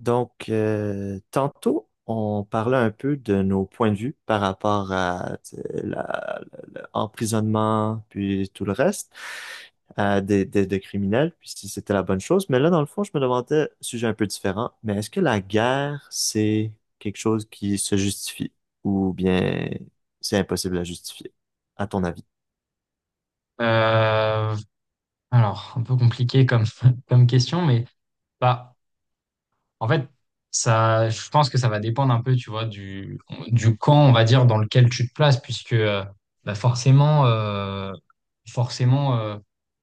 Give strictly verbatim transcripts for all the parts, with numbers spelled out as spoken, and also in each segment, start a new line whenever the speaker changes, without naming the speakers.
Donc, euh, tantôt, on parlait un peu de nos points de vue par rapport à tu sais, la- la- l'emprisonnement, puis tout le reste, euh, des, des- des criminels, puis si c'était la bonne chose. Mais là, dans le fond, je me demandais, sujet un peu différent, mais est-ce que la guerre, c'est quelque chose qui se justifie ou bien c'est impossible à justifier, à ton avis?
Euh, alors, un peu compliqué comme, comme question, mais bah, en fait, ça, je pense que ça va dépendre un peu, tu vois, du, du camp, on va dire, dans lequel tu te places, puisque euh, bah forcément, euh, forcément euh,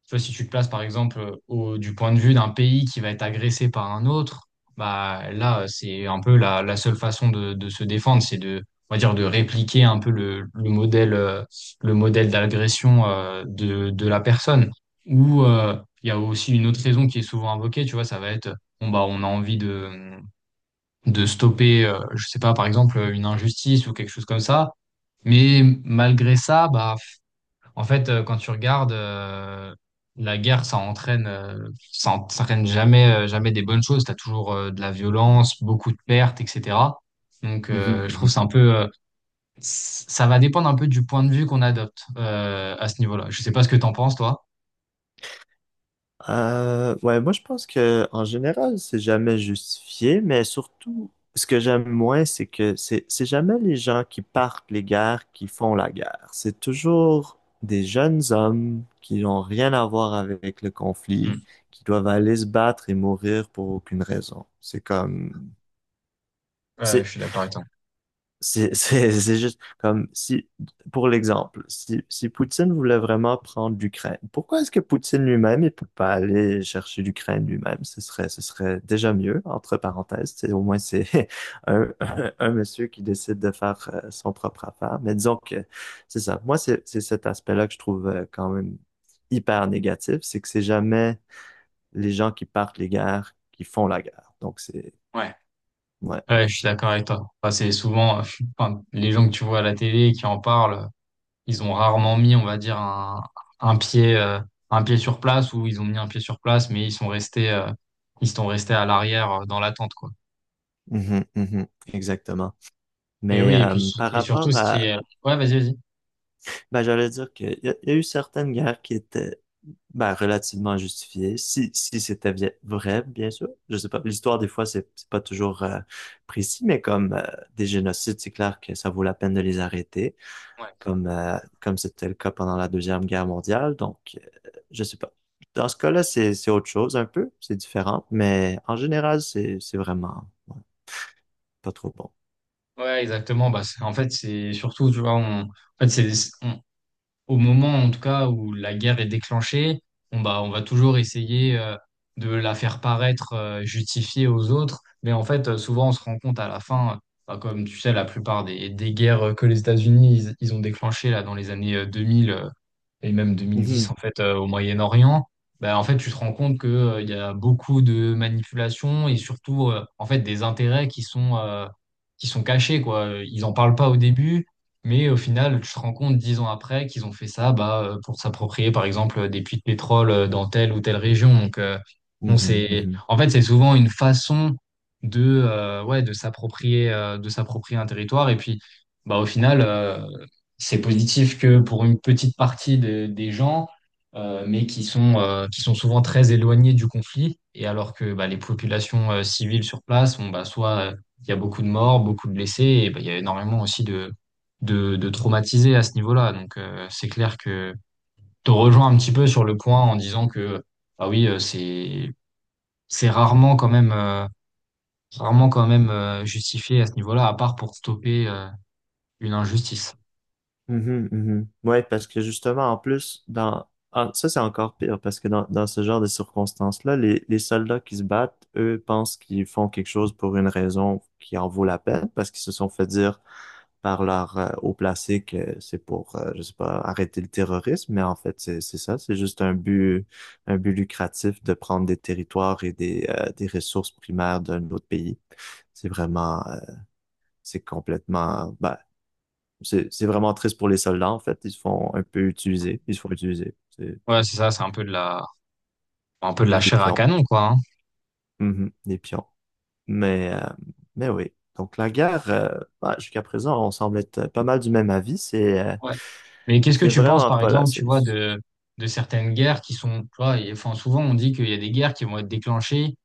tu vois, si tu te places, par exemple, au, du point de vue d'un pays qui va être agressé par un autre. Bah là, c'est un peu la, la seule façon de, de se défendre. C'est de, on va dire, de répliquer un peu le, le modèle, euh, le modèle d'agression, euh, de, de la personne. Ou euh, il y a aussi une autre raison qui est souvent invoquée, tu vois. Ça va être bon, bah, on a envie de, de stopper, euh, je sais pas, par exemple, une injustice ou quelque chose comme ça. Mais malgré ça, bah, en fait, euh, quand tu regardes, euh, la guerre, ça entraîne, euh, ça entraîne jamais, euh, jamais des bonnes choses. T'as toujours, euh, de la violence, beaucoup de pertes, et cetera. Donc, euh, je trouve que c'est un peu, euh, c- ça va dépendre un peu du point de vue qu'on adopte, euh, à ce niveau-là. Je sais pas ce que t'en penses, toi.
Euh, ouais, moi je pense que en général, c'est jamais justifié, mais surtout, ce que j'aime moins, c'est que c'est c'est jamais les gens qui partent les guerres qui font la guerre. C'est toujours des jeunes hommes qui n'ont rien à voir avec le conflit,
Mm.
qui doivent aller se battre et mourir pour aucune raison. C'est comme,
Ouais, je
c'est
suis d'accord avec toi.
c'est c'est- c'est juste comme si, pour l'exemple, si, si Poutine voulait vraiment prendre l'Ukraine, pourquoi est-ce que Poutine lui-même, il peut pas aller chercher l'Ukraine lui-même? Ce serait, ce serait déjà mieux, entre parenthèses. C'est- Au moins, c'est un, un, un monsieur qui décide de faire euh, son propre affaire. Mais disons que c'est ça. Moi, c'est c'est cet aspect-là que je trouve euh, quand même hyper négatif. C'est que c'est jamais les gens qui partent les guerres qui font la guerre. Donc, c'est,
Ouais.
ouais.
Ouais, je suis d'accord avec toi. Enfin, c'est souvent, euh, enfin, les gens que tu vois à la télé qui en parlent, ils ont rarement mis, on va dire, un, un pied, euh, un pied sur place, ou ils ont mis un pied sur place, mais ils sont restés, euh, ils sont restés à l'arrière, euh, dans l'attente, quoi.
Mhm, mhm, exactement.
Mais
Mais
oui, et puis,
euh, par
et surtout,
rapport
ce qui est,
à,
ouais, vas-y, vas-y.
ben, j'allais dire qu'il y, a il y a eu certaines guerres qui étaient ben, relativement justifiées, si, si c'était vi- vrai, bien sûr. Je sais pas, l'histoire des fois, c'est c'est pas toujours euh, précis, mais comme euh, des génocides, c'est clair que ça vaut la peine de les arrêter,
Ouais,
comme euh, comme c'était le cas pendant la Deuxième Guerre mondiale. Donc, euh, je sais pas. Dans ce cas-là, c'est c'est autre chose un peu, c'est différent, mais en général, c'est c'est vraiment ouais, pas trop bon.
ouais, exactement. Bah, c'est- en fait, c'est surtout, tu vois, on, en fait, c'est, au moment en tout cas où la guerre est déclenchée, on, bah, on va toujours essayer, euh, de la faire paraître, euh, justifiée aux autres. Mais en fait, euh, souvent, on se rend compte à la fin, euh, bah, comme tu sais, la plupart des, des guerres, euh, que les États-Unis, ils, ils ont déclenchées là, dans les années, euh, deux mille, et même deux mille
Mhm,
dix en fait, euh, au Moyen-Orient. Bah, en fait, tu te rends compte que, euh, il y a beaucoup de manipulations, et surtout, euh, en fait, des intérêts qui sont euh, qui sont cachés, quoi. Ils en parlent pas au début, mais au final tu te rends compte, dix ans après, qu'ils ont fait ça, bah, euh, pour s'approprier, par exemple, euh, des puits de pétrole, euh, dans telle ou telle région. Donc, euh, bon,
mhm,
c'est
mhm.
en fait c'est souvent une façon de euh, ouais de s'approprier, euh, de s'approprier un territoire. Et puis, bah, au final, euh, c'est positif que pour une petite partie de- des gens, euh, mais qui sont, euh, qui sont souvent très éloignés du conflit, et alors que, bah, les populations, euh, civiles, sur place, on, bah, soit, euh, il y a beaucoup de morts, beaucoup de blessés, et bah, il y a énormément aussi de, de, de traumatisés à ce niveau-là. Donc, euh, c'est clair que te rejoins un petit peu sur le point en disant que bah oui, euh, c'est, c'est rarement quand même, euh, rarement quand même euh, justifié à ce niveau-là, à part pour stopper, euh, une injustice.
Mhm, mhm. Ouais, parce que justement, en plus, dans ah, ça, c'est encore pire, parce que dans, dans ce genre de circonstances-là, les, les soldats qui se battent, eux, pensent qu'ils font quelque chose pour une raison qui en vaut la peine, parce qu'ils se sont fait dire par leur euh, haut placé que c'est pour, euh, je sais pas, arrêter le terrorisme, mais en fait, c'est c'est ça, c'est juste un but, un but lucratif de prendre des territoires et des, euh, des ressources primaires d'un autre pays. C'est vraiment, euh, c'est complètement, bah c'est c'est vraiment triste pour les soldats, en fait. Ils se font un peu utiliser. Ils se font utiliser. C'est
Ouais,
ouais,
c'est ça, c'est un peu de la un peu de la
des
chair à
pions.
canon, quoi, hein.
Mhm, des pions. Mais, euh, mais oui. Donc, la guerre, euh, ouais, jusqu'à présent, on semble être pas mal du même avis. C'est euh,
Ouais. Mais qu'est-ce que
c'est
tu penses,
vraiment
par
pas la
exemple, tu vois,
solution.
de, de certaines guerres qui sont, tu vois, et- enfin, souvent on dit qu'il y a des guerres qui vont être déclenchées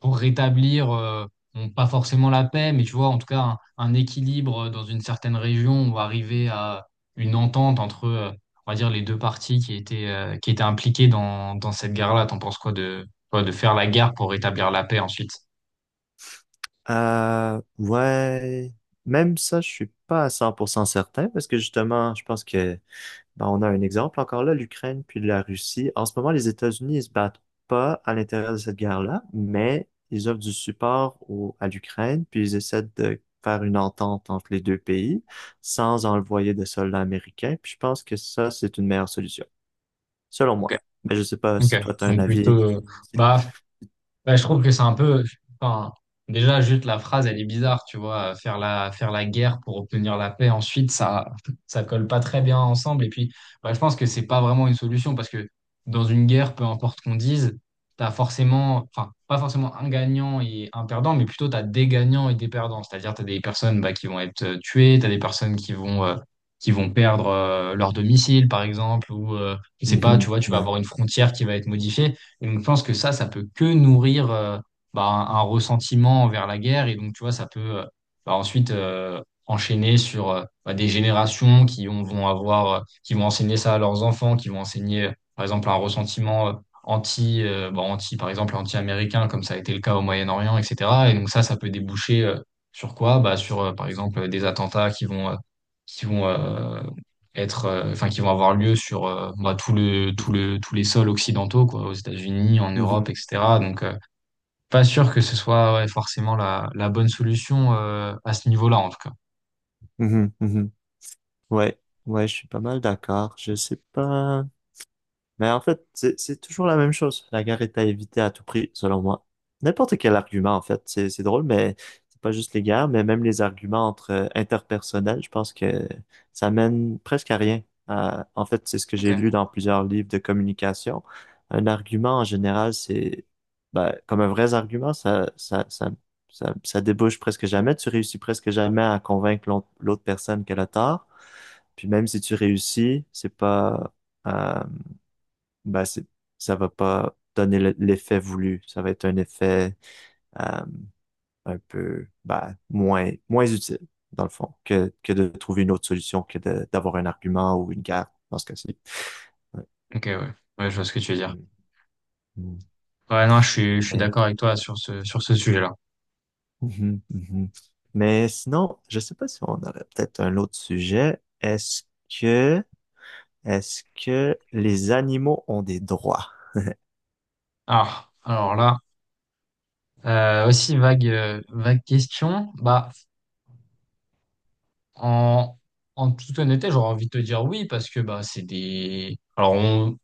pour rétablir, euh, bon, pas forcément la paix, mais tu vois, en tout cas, un, un équilibre dans une certaine région, ou arriver à une entente entre, euh, on va dire, les deux parties qui étaient, euh, qui étaient impliquées dans, dans cette guerre-là. T'en penses quoi de, quoi, de faire la guerre pour rétablir la paix ensuite?
Euh, ouais, même ça, je suis pas à cent pour cent certain parce que justement, je pense que ben, on a un exemple encore là, l'Ukraine puis la Russie. En ce moment, les États-Unis, ils se battent pas à l'intérieur de cette guerre-là, mais ils offrent du support au, à l'Ukraine puis ils essaient de faire une entente entre les deux pays sans envoyer de soldats américains. Puis je pense que ça, c'est une meilleure solution, selon moi.
Ok.
Mais je sais pas
Ok.
si toi, tu as un
Donc plutôt,
avis.
euh,
Si-
bah, Bah, je trouve que c'est un peu, enfin, déjà, juste la phrase, elle est bizarre, tu vois, faire la, faire la guerre pour obtenir la paix ensuite, ça, ça colle pas très bien ensemble. Et puis, bah, je pense que c'est pas vraiment une solution, parce que dans une guerre, peu importe qu'on dise, t'as forcément, enfin, pas forcément un gagnant et un perdant, mais plutôt t'as des gagnants et des perdants. C'est-à-dire, t'as des personnes, bah, qui vont être, euh, tuées, t'as des personnes qui vont, euh, qui vont perdre, euh, leur domicile, par exemple, ou, euh, je sais pas, tu
Mhm,
vois, tu vas
ouais.
avoir une frontière qui va être modifiée. Et donc, je pense que ça, ça peut que nourrir, euh, bah, un, un ressentiment envers la guerre. Et donc, tu vois, ça peut, euh, bah, ensuite, euh, enchaîner sur, euh, bah, des générations qui ont- vont avoir, euh, qui vont enseigner ça à leurs enfants, qui vont enseigner, euh, par exemple, un ressentiment, euh, anti, euh, bah, anti, par exemple, anti-américain, comme ça a été le cas au Moyen-Orient, et cetera. Et donc, ça, ça peut déboucher, euh, sur quoi? Bah, sur, euh, par exemple, des attentats qui vont. euh, qui vont euh, être, euh, enfin, qui vont avoir lieu sur, euh, bah, tout le, tout le, tous les sols occidentaux, quoi, aux États-Unis, en Europe,
Mhm,
et cetera. Donc, euh, pas sûr que ce soit ouais, forcément la, la bonne solution, euh, à ce niveau-là, en tout cas.
mhm, mhm. Ouais, ouais, je suis pas mal d'accord. Je sais pas. Mais en fait, c'est c'est toujours la même chose. La guerre est à éviter à tout prix, selon moi. N'importe quel argument, en fait. C'est c'est drôle, mais c'est pas juste les guerres, mais même les arguments entre euh, interpersonnels, je pense que ça mène presque à rien. À- en fait, c'est ce que j'ai lu
Ok.
dans plusieurs livres de communication. Un argument, en général, c'est, ben, comme un vrai argument, ça, ça, ça, ça, ça débouche presque jamais. Tu réussis presque jamais à convaincre l'autre l'autre personne qu'elle a tort. Puis même si tu réussis, c'est pas, euh, ben c'est, ça va pas donner le- l'effet voulu. Ça va être un effet euh, un peu ben, moins, moins utile, dans le fond, que, que de trouver une autre solution que de- d'avoir un argument ou une guerre, dans ce cas-ci. Ouais.
Ok, ouais. Ouais, je vois ce que tu veux dire.
Mm, mm.
Ouais, non, je suis, je suis
Mais,
d'accord avec toi sur ce, sur ce sujet-là.
Mhm, mhm. Mais sinon, je sais pas si on aurait peut-être un autre sujet. Est-ce que, est-ce que les animaux ont des droits?
Ah, alors là, euh, aussi vague, euh, vague question. Bah, en, en toute honnêteté, j'aurais envie de te dire oui parce que bah, c'est des. Alors, on,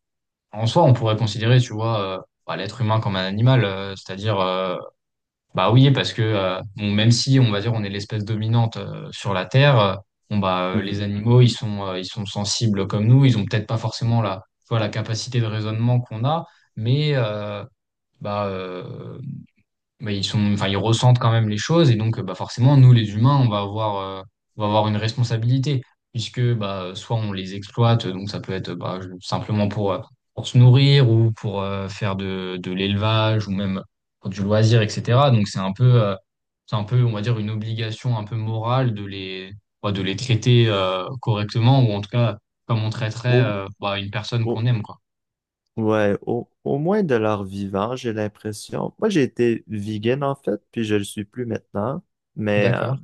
En soi, on pourrait considérer, tu vois, euh, bah, l'être humain comme un animal, euh, c'est-à-dire, euh, bah oui, parce que, euh, bon, même si, on va dire, on est l'espèce dominante, euh, sur la Terre, euh, bon, bah, euh, les
Mhm.
animaux, ils sont, euh, ils sont sensibles comme nous, ils ont peut-être pas forcément la, tu vois, la capacité de raisonnement qu'on a, mais, euh, bah, euh, bah, ils sont, enfin, ils ressentent quand même les choses. Et donc, euh, bah, forcément, nous les humains, on va avoir, euh, on va avoir une responsabilité, puisque bah, soit on les exploite, donc ça peut être, bah, je- simplement pour, euh, pour se nourrir, ou pour, euh, faire de, de l'élevage, ou même pour du loisir, et cetera. Donc c'est un peu, euh, c'est un peu, on va dire, une obligation un peu morale de les, bah, de les traiter, euh, correctement, ou en tout cas comme on traiterait,
Au-
euh, bah, une personne qu'on
au-
aime, quoi.
Ouais, au, au moins de leur vivant, j'ai l'impression. Moi, j'ai été vegan en fait, puis je le suis plus maintenant. Mais euh,
D'accord.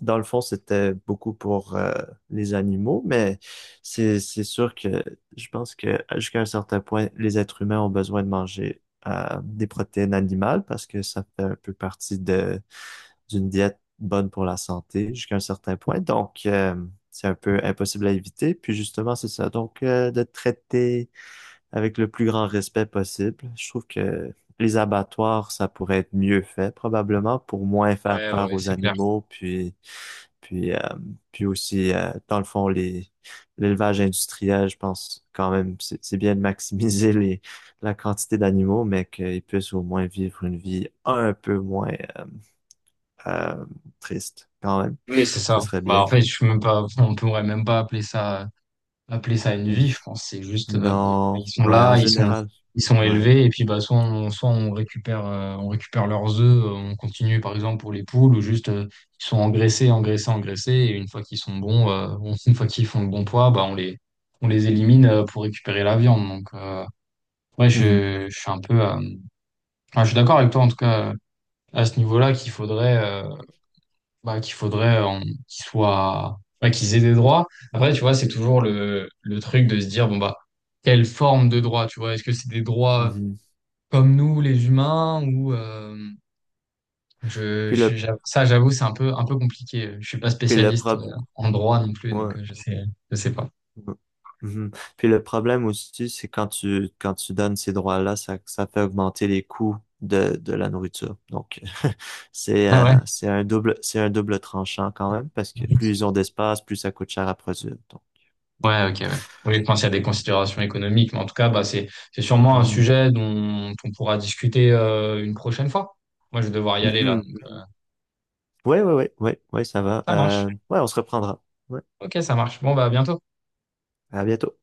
dans le fond, c'était beaucoup pour euh, les animaux. Mais c'est c'est sûr que je pense que jusqu'à un certain point, les êtres humains ont besoin de manger euh, des protéines animales parce que ça fait un peu partie de d'une diète bonne pour la santé jusqu'à un certain point. Donc euh, c'est un peu impossible à éviter. Puis justement, c'est ça. Donc euh, de traiter avec le plus grand respect possible. Je trouve que les abattoirs, ça pourrait être mieux fait probablement pour moins faire
Ouais,
peur
ouais,
aux
c'est clair.
animaux, puis puis euh, puis aussi euh, dans le fond les l'élevage industriel, je pense quand même c'est c'est bien de maximiser les la quantité d'animaux, mais qu'ils puissent au moins vivre une vie un peu moins euh, euh, triste quand même.
Oui, c'est
Ce
ça.
serait
Bah,
bien.
en fait, je suis même pas, on pourrait même pas appeler ça, appeler ça une
Mm.
vie, je pense. C'est juste, euh,
Non,
ils sont
ouais, en
là, ils sont,
général,
ils sont
ouais.
élevés, et puis, bah, soit on, soit on récupère, euh, on récupère leurs œufs, euh, on continue, par exemple, pour les poules, ou juste, euh, ils sont engraissés, engraissés, engraissés, et une fois qu'ils sont bons, euh, on- une fois qu'ils font le bon poids, bah, on les, on les élimine, euh, pour récupérer la viande. Donc, euh, ouais,
Mhm,
je, je suis un peu, euh, enfin, je suis d'accord avec toi, en tout cas, à ce niveau-là, qu'il faudrait, euh, bah, qu'il faudrait euh, qu'ils soient, ouais, qu'ils aient des droits. Après, tu vois, c'est toujours le, le truc de se dire, bon, bah, quelle forme de droit, tu vois? Est-ce que c'est des droits, euh,
mhm.
comme nous, les humains, ou, euh, je,
Puis
je-
le
j'avoue- ça, j'avoue, c'est un peu, un peu compliqué. Je suis pas
puis le
spécialiste,
problème.
euh, en droit non plus, donc, euh, je sais, je sais pas.
Mhm. Mhm. Puis le problème aussi, c'est quand tu quand tu donnes ces droits-là, ça, ça fait augmenter les coûts de, de la nourriture. Donc c'est
Ah ouais?
euh, c'est un double c'est un double tranchant quand même parce que plus ils ont d'espace, plus ça coûte cher à produire. Donc.
Ouais, ok, ouais. Oui, je pense qu'il y a des considérations économiques, mais en tout cas, bah, c'est, c'est sûrement un
Mhm.
sujet dont on pourra discuter, euh, une prochaine fois. Moi, je vais devoir y aller là.
Mhm. Mhm. Ouais, ouais, ouais, ouais, ouais, ça va.
Ça marche.
Euh, ouais, on se reprendra. Ouais.
Ok, ça marche. Bon, bah, à bientôt.
À bientôt.